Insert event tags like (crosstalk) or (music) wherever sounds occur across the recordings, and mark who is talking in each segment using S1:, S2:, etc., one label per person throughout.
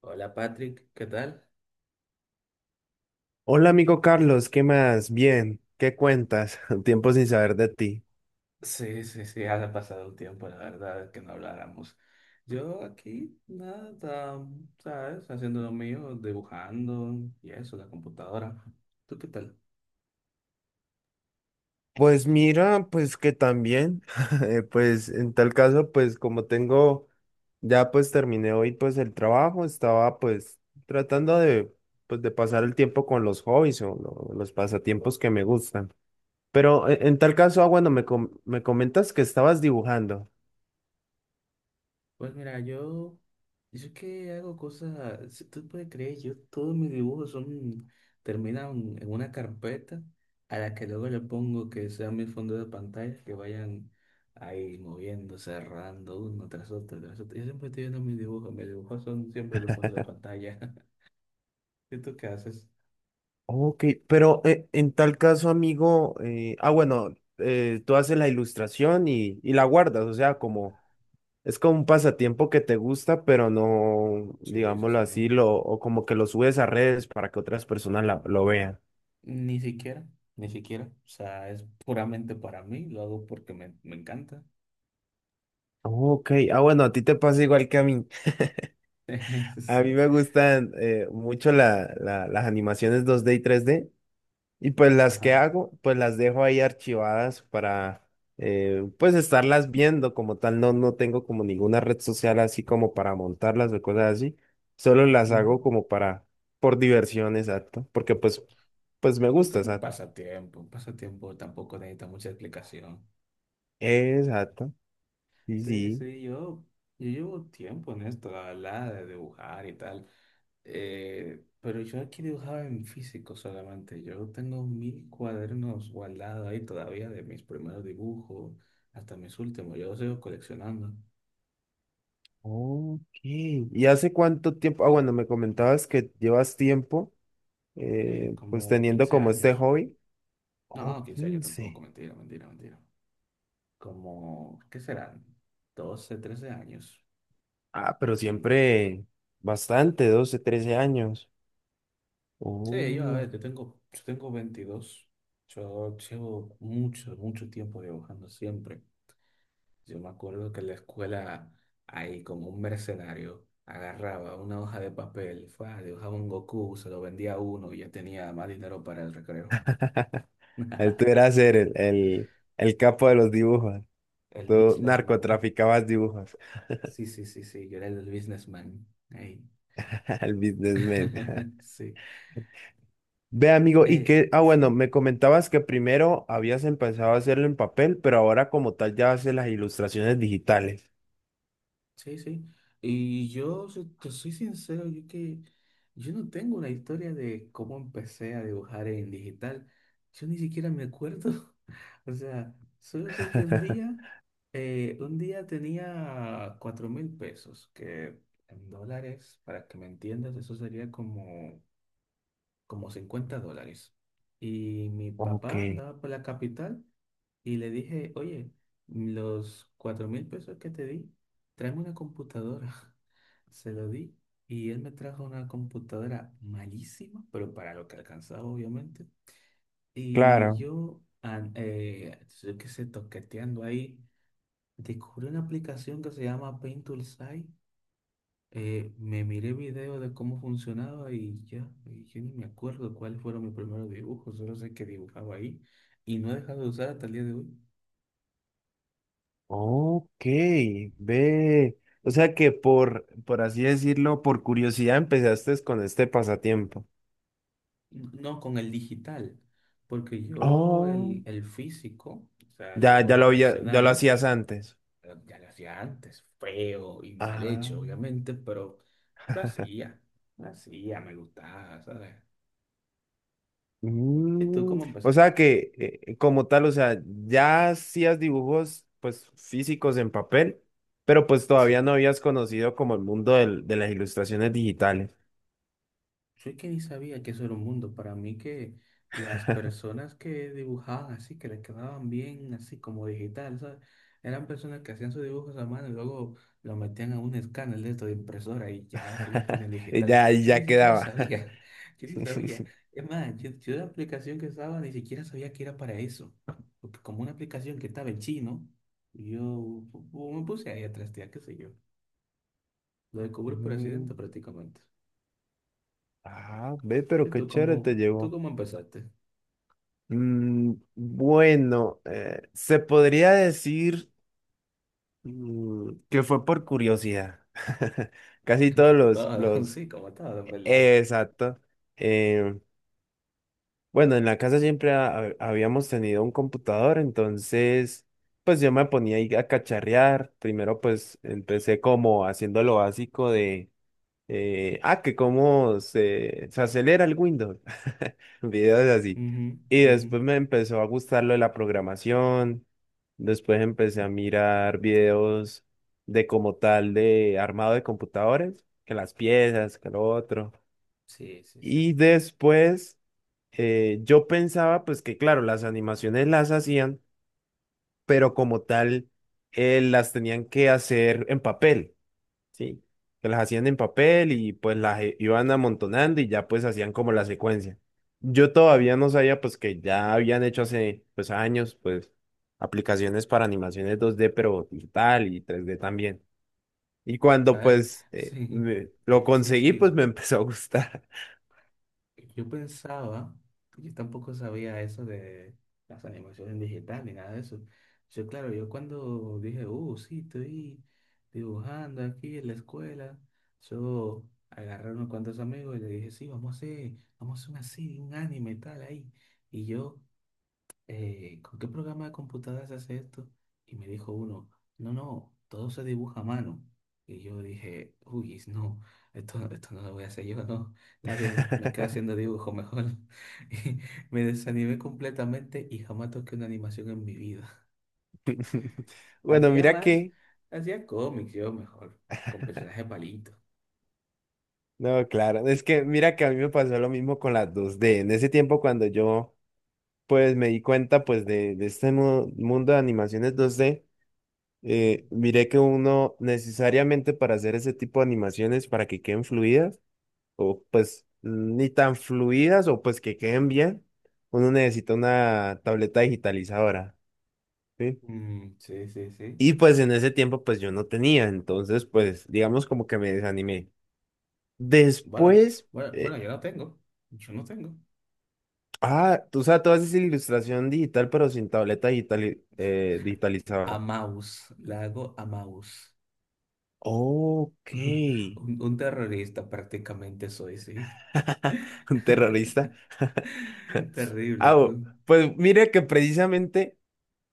S1: Hola Patrick, ¿qué tal?
S2: Hola amigo Carlos, ¿qué más? Bien, ¿qué cuentas? (laughs) Tiempo sin saber de ti.
S1: Sí, sí, sí, ha pasado un tiempo, la verdad, que no habláramos. Yo aquí, nada, ¿sabes? Haciendo lo mío, dibujando y eso, la computadora. ¿Tú qué tal?
S2: Pues mira, pues que también, (laughs) pues en tal caso, pues como tengo, ya pues terminé hoy pues el trabajo, estaba pues tratando de, pues de pasar el tiempo con los hobbies o los pasatiempos que me gustan. Pero en tal caso, ah, bueno, me comentas que estabas dibujando.
S1: Pues mira, yo que hago cosas, si tú puedes creer, yo todos mis dibujos son, terminan en una carpeta a la que luego le pongo que sea mi fondo de pantalla, que vayan ahí moviendo, cerrando uno tras otro, tras otro. Yo siempre estoy viendo mis dibujos son siempre mi fondo de pantalla. (laughs) ¿Y tú qué haces?
S2: Ok, pero en tal caso, amigo, ah, bueno, tú haces la ilustración y la guardas, o sea, como es como un pasatiempo que te gusta, pero no,
S1: Sí, sí, sí,
S2: digámoslo
S1: sí.
S2: así, lo, o como que lo subes a redes para que otras personas lo vean.
S1: Ni siquiera, ni siquiera. O sea, es puramente para mí, lo hago porque me encanta.
S2: Ok, ah, bueno, a ti te pasa igual que a mí. (laughs)
S1: (laughs) Sí,
S2: A mí
S1: sí,
S2: me gustan mucho las animaciones 2D y 3D. Y pues las que
S1: ajá.
S2: hago, pues las dejo ahí archivadas para pues estarlas viendo como tal. No, no tengo como ninguna red social así como para montarlas o cosas así. Solo las
S1: Ujú.
S2: hago como para, por diversión, exacto. Porque pues me
S1: Porque
S2: gusta,
S1: es
S2: exacto.
S1: un pasatiempo tampoco necesita mucha explicación.
S2: Exacto. Sí,
S1: Sí,
S2: sí.
S1: sí, yo llevo tiempo en esto, la verdad, de dibujar y tal. Pero yo aquí dibujaba en físico solamente. Yo tengo mil cuadernos guardados ahí todavía de mis primeros dibujos hasta mis últimos. Yo los sigo coleccionando.
S2: Ok. ¿Y hace cuánto tiempo? Ah, bueno, me comentabas que llevas tiempo
S1: Sí,
S2: pues
S1: como
S2: teniendo
S1: 15
S2: como este
S1: años.
S2: hobby. Oh,
S1: No, 15 años tampoco,
S2: 15.
S1: mentira, mentira, mentira. Como, ¿qué serán? 12, 13 años.
S2: Ah, pero
S1: Tan-
S2: siempre bastante, 12 13 años.
S1: Sí, yo, a ver,
S2: Oh.
S1: yo tengo 22. Yo llevo mucho, mucho tiempo dibujando siempre. Yo me acuerdo que en la escuela, ahí como un mercenario, agarraba una hoja de papel, fue, ah, dibujaba un Goku, se lo vendía a uno y ya tenía más dinero para el recreo.
S2: Tú
S1: (laughs)
S2: eras el capo de los dibujos.
S1: El
S2: Tú
S1: businessman.
S2: narcotraficabas dibujos.
S1: Sí, sí, sí, sí, yo era el businessman. Ahí.
S2: (laughs) El businessman. (laughs)
S1: (laughs) Sí.
S2: Ve, amigo, y que, ah, bueno,
S1: Sí.
S2: me comentabas que primero habías empezado a hacerlo en papel, pero ahora como tal ya haces las ilustraciones digitales.
S1: Sí, sí. Y yo, si te soy sincero, yo no tengo una historia de cómo empecé a dibujar en digital. Yo ni siquiera me acuerdo. (laughs) O sea, solo sé que
S2: (laughs)
S1: un día tenía 4,000 pesos, que en dólares, para que me entiendas, eso sería como, como $50. Y mi
S2: Ok,
S1: papá andaba por la capital. Y le dije, oye, los 4,000 pesos que te di, tráeme una computadora. (laughs) Se lo di y él me trajo una computadora malísima, pero para lo que alcanzaba, obviamente. Y
S2: claro.
S1: yo qué sé, toqueteando ahí, descubrí una aplicación que se llama Painttool. Me miré video de cómo funcionaba y ya, y yo ni me acuerdo cuáles fueron mis primeros dibujos, solo sé que dibujaba ahí y no he dejado de usar hasta el día de hoy.
S2: Ok, ve. O sea que por así decirlo, por curiosidad empezaste con este pasatiempo.
S1: No, con el digital, porque yo el,
S2: Oh.
S1: el físico, o sea, el
S2: Ya, ya
S1: ojo
S2: ya lo
S1: tradicional,
S2: hacías antes.
S1: ya lo hacía antes, feo y mal hecho,
S2: Ah.
S1: obviamente, pero lo hacía, lo hacía, me gustaba, ¿sabes? ¿Y tú cómo
S2: O
S1: empezaste?
S2: sea que como tal, o sea, ya hacías dibujos pues físicos en papel, pero pues todavía
S1: Sí.
S2: no habías conocido como el mundo de las ilustraciones digitales.
S1: Yo es que ni sabía que eso era un mundo. Para mí que las
S2: (laughs)
S1: personas que dibujaban así, que les quedaban bien así como digital, ¿sabes? Eran personas que hacían sus dibujos a mano y luego lo metían a un escáner de esto de impresora y ya ese lo tenían
S2: Y
S1: digital.
S2: ya, ahí
S1: Yo ni
S2: ya
S1: siquiera
S2: quedaba. (laughs)
S1: sabía, (laughs) yo ni sabía. Es más, yo la aplicación que estaba ni siquiera sabía que era para eso. Porque como una aplicación que estaba en chino, yo me puse ahí a trastear, qué sé yo. Lo descubrí por accidente
S2: Mm,
S1: prácticamente.
S2: ve, pero
S1: ¿Y
S2: qué chévere te
S1: tú
S2: llevó.
S1: cómo empezaste?
S2: Bueno, se podría decir que fue por curiosidad. (laughs) Casi todos
S1: Como
S2: los,
S1: todo, (laughs)
S2: los,
S1: sí, como todo, en verdad.
S2: exacto. eh, Bueno, en la casa siempre habíamos tenido un computador, entonces pues yo me ponía ahí a cacharrear. Primero pues empecé como haciendo lo básico de, que cómo se acelera el Windows, (laughs) videos así.
S1: Ujú,
S2: Y
S1: ujú.
S2: después me empezó a gustar lo de la programación, después empecé a mirar videos de como tal de armado de computadores, que las piezas, que lo otro.
S1: Sí, sí, sí.
S2: Y después yo pensaba pues que claro, las animaciones las hacían, pero como tal las tenían que hacer en papel, ¿sí? Que las hacían en papel y pues las iban amontonando y ya pues hacían como la secuencia. Yo todavía no sabía pues que ya habían hecho hace pues años pues aplicaciones para animaciones 2D pero digital y 3D también. Y cuando
S1: ¿Sabes?
S2: pues
S1: Sí,
S2: lo
S1: sí,
S2: conseguí
S1: sí.
S2: pues me (laughs) empezó a gustar.
S1: Yo pensaba, yo tampoco sabía eso de las animaciones digitales ni nada de eso. Yo, claro, yo cuando dije, sí, estoy dibujando aquí en la escuela, yo agarré a unos cuantos amigos y le dije, sí, vamos a hacer una serie, un anime tal ahí. Y yo ¿con qué programa de computadoras se hace esto? Y me dijo uno, no, no, todo se dibuja a mano. Y yo dije, uy, no, esto no lo voy a hacer yo, no, está bien, me quedo haciendo
S2: (laughs)
S1: dibujo mejor. (laughs) Y me desanimé completamente y jamás toqué una animación en mi vida.
S2: (laughs) Bueno,
S1: Hacía
S2: mira
S1: más,
S2: que
S1: hacía cómics yo mejor, con personajes palitos.
S2: no, claro, es que mira que a mí me pasó lo mismo con las 2D. En ese tiempo cuando yo pues me di cuenta pues de este mundo de animaciones 2D,
S1: Ujú.
S2: miré que uno necesariamente para hacer ese tipo de animaciones para que queden fluidas o pues ni tan fluidas o pues que queden bien, uno necesita una tableta digitalizadora, ¿sí?
S1: Mm, sí, sí, sí.
S2: Y pues en ese tiempo pues yo no tenía, entonces pues digamos como que me desanimé.
S1: Bueno,
S2: Después.
S1: bueno, bueno,
S2: eh,
S1: yo no tengo.
S2: Ah, tú sabes, tú haces ilustración digital, pero sin tableta digital,
S1: A
S2: digitalizadora.
S1: mouse, la hago a mouse.
S2: Ok.
S1: (laughs) Un terrorista prácticamente soy, sí.
S2: (laughs) Un terrorista. (laughs)
S1: (laughs)
S2: Ah,
S1: Terrible, tú.
S2: pues mire que precisamente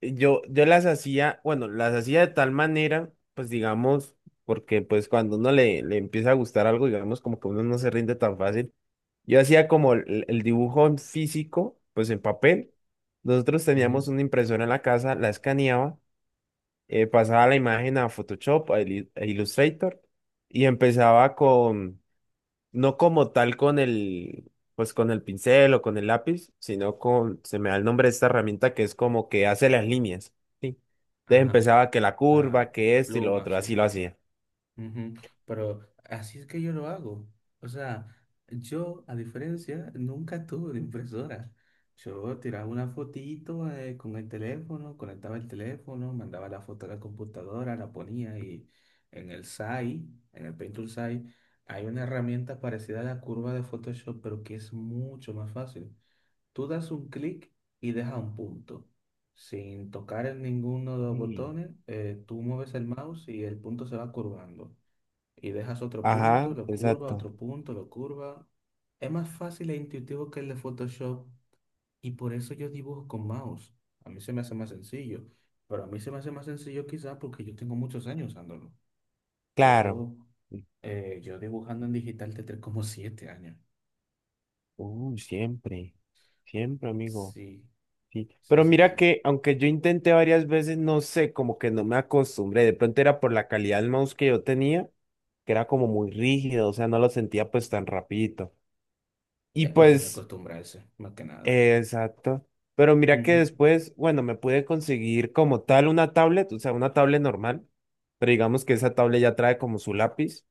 S2: yo las hacía, bueno, las hacía de tal manera, pues digamos, porque pues cuando uno le empieza a gustar algo, digamos, como que uno no se rinde tan fácil. Yo hacía como el dibujo en físico, pues en papel. Nosotros
S1: Ujú.
S2: teníamos una impresora en la casa, la escaneaba pasaba la imagen a Photoshop, a Illustrator, y empezaba con, no como tal con el, pues con el pincel o con el lápiz, sino con, se me da el nombre de esta herramienta que es como que hace las líneas, ¿sí? Entonces
S1: Ajá,
S2: empezaba que la curva, que
S1: la
S2: esto y lo
S1: pluma,
S2: otro, así
S1: sí.
S2: lo hacía.
S1: Ujú. Pero así es que yo lo hago. O sea, yo, a diferencia, nunca tuve una impresora. Yo tiraba una fotito con el teléfono, conectaba el teléfono, mandaba la foto a la computadora, la ponía y en el SAI, en el Painter SAI, hay una herramienta parecida a la curva de Photoshop, pero que es mucho más fácil. Tú das un clic y dejas un punto. Sin tocar en ninguno de los
S2: Mm.
S1: botones, tú mueves el mouse y el punto se va curvando. Y dejas otro punto,
S2: Ajá,
S1: lo curva,
S2: exacto.
S1: otro punto, lo curva. Es más fácil e intuitivo que el de Photoshop y por eso yo dibujo con mouse. A mí se me hace más sencillo. Pero a mí se me hace más sencillo quizás porque yo tengo muchos años usándolo.
S2: Claro.
S1: Yo, yo dibujando en digital tendré como 7 años.
S2: Siempre, siempre, amigo.
S1: Sí,
S2: Sí,
S1: sí,
S2: pero
S1: sí,
S2: mira
S1: sí.
S2: que aunque yo intenté varias veces, no sé, como que no me acostumbré. De pronto era por la calidad del mouse que yo tenía, que era como muy rígido, o sea, no lo sentía pues tan rapidito. Y
S1: Es cuestión de
S2: pues,
S1: acostumbrarse, más que nada.
S2: exacto. Pero mira que
S1: Ujú.
S2: después, bueno, me pude conseguir como tal una tablet, o sea, una tablet normal, pero digamos que esa tablet ya trae como su lápiz.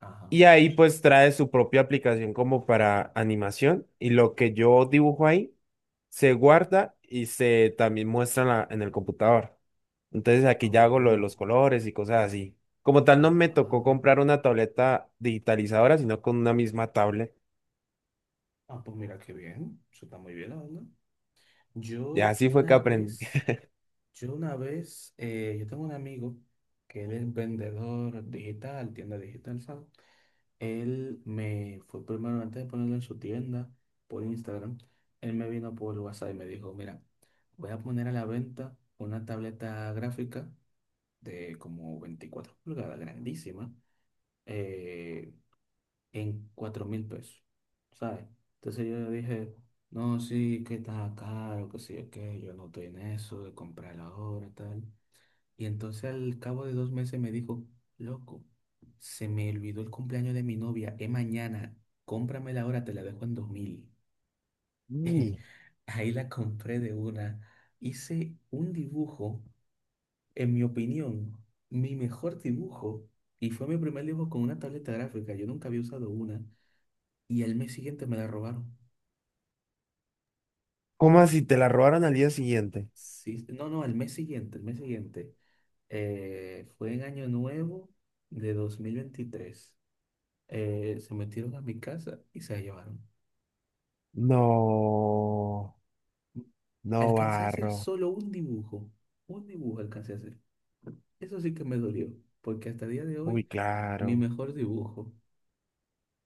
S1: Ajá.
S2: Y ahí pues trae su propia aplicación como para animación y lo que yo dibujo ahí se guarda y se también muestra en, en el computador. Entonces aquí ya hago lo de los
S1: Oh.
S2: colores y cosas así. Como tal no me
S1: Ah.
S2: tocó comprar una tableta digitalizadora, sino con una misma tablet.
S1: Ah, pues mira qué bien. Eso está muy bien, la verdad.
S2: Ya
S1: Yo
S2: así fue que
S1: una
S2: aprendí.
S1: vez,
S2: (laughs)
S1: yo tengo un amigo que él es vendedor digital, tienda digital, ¿sabes? Él me fue primero antes de ponerlo en su tienda por Instagram. Él me vino por WhatsApp y me dijo, mira, voy a poner a la venta una tableta gráfica de como 24 pulgadas, grandísima, eh, en 4,000 pesos, ¿sabes? Entonces yo le dije, no, sí, que está caro, que sí, que yo no estoy en eso de comprar ahora, tal. Y entonces al cabo de 2 meses me dijo, loco, se me olvidó el cumpleaños de mi novia, es mañana, cómpramela ahora, te la dejo en 2,000.
S2: Mm.
S1: (laughs) Ahí la compré de una. Hice un dibujo, en mi opinión, mi mejor dibujo. Y fue mi primer dibujo con una tableta gráfica. Yo nunca había usado una. Y el mes siguiente me la robaron.
S2: ¿Cómo así? ¿Te la robaron al día siguiente?
S1: Sí, no, no, el mes siguiente, el mes siguiente. Fue en Año Nuevo de 2023. Se metieron a mi casa y se la llevaron.
S2: No, no
S1: Alcancé a hacer
S2: barro.
S1: solo un dibujo. Un dibujo alcancé a hacer. Eso sí que me dolió, porque hasta el día de
S2: Uy,
S1: hoy, mi
S2: claro.
S1: mejor dibujo.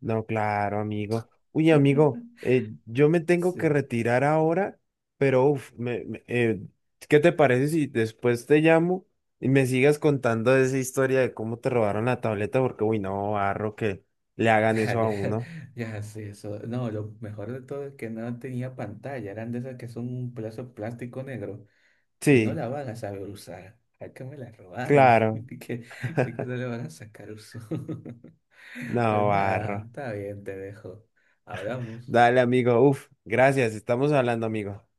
S2: No, claro, amigo. Uy, amigo,
S1: (laughs)
S2: yo me tengo que
S1: Sí.
S2: retirar ahora, pero uf, ¿qué te parece si después te llamo y me sigas contando esa historia de cómo te robaron la tableta? Porque, uy, no, barro, que le hagan eso a
S1: (laughs) Ya,
S2: uno.
S1: ya, sí, eso. No, lo mejor de todo es que no tenía pantalla, eran de esas que son un pedazo de plástico negro. No
S2: Sí,
S1: la van a saber usar. Acá me la robaron. (laughs)
S2: claro,
S1: De que no le van a sacar uso. (laughs) Pues
S2: no,
S1: nada,
S2: barro.
S1: está bien, te dejo. Hablamos.
S2: Dale, amigo, uf, gracias, estamos hablando, amigo.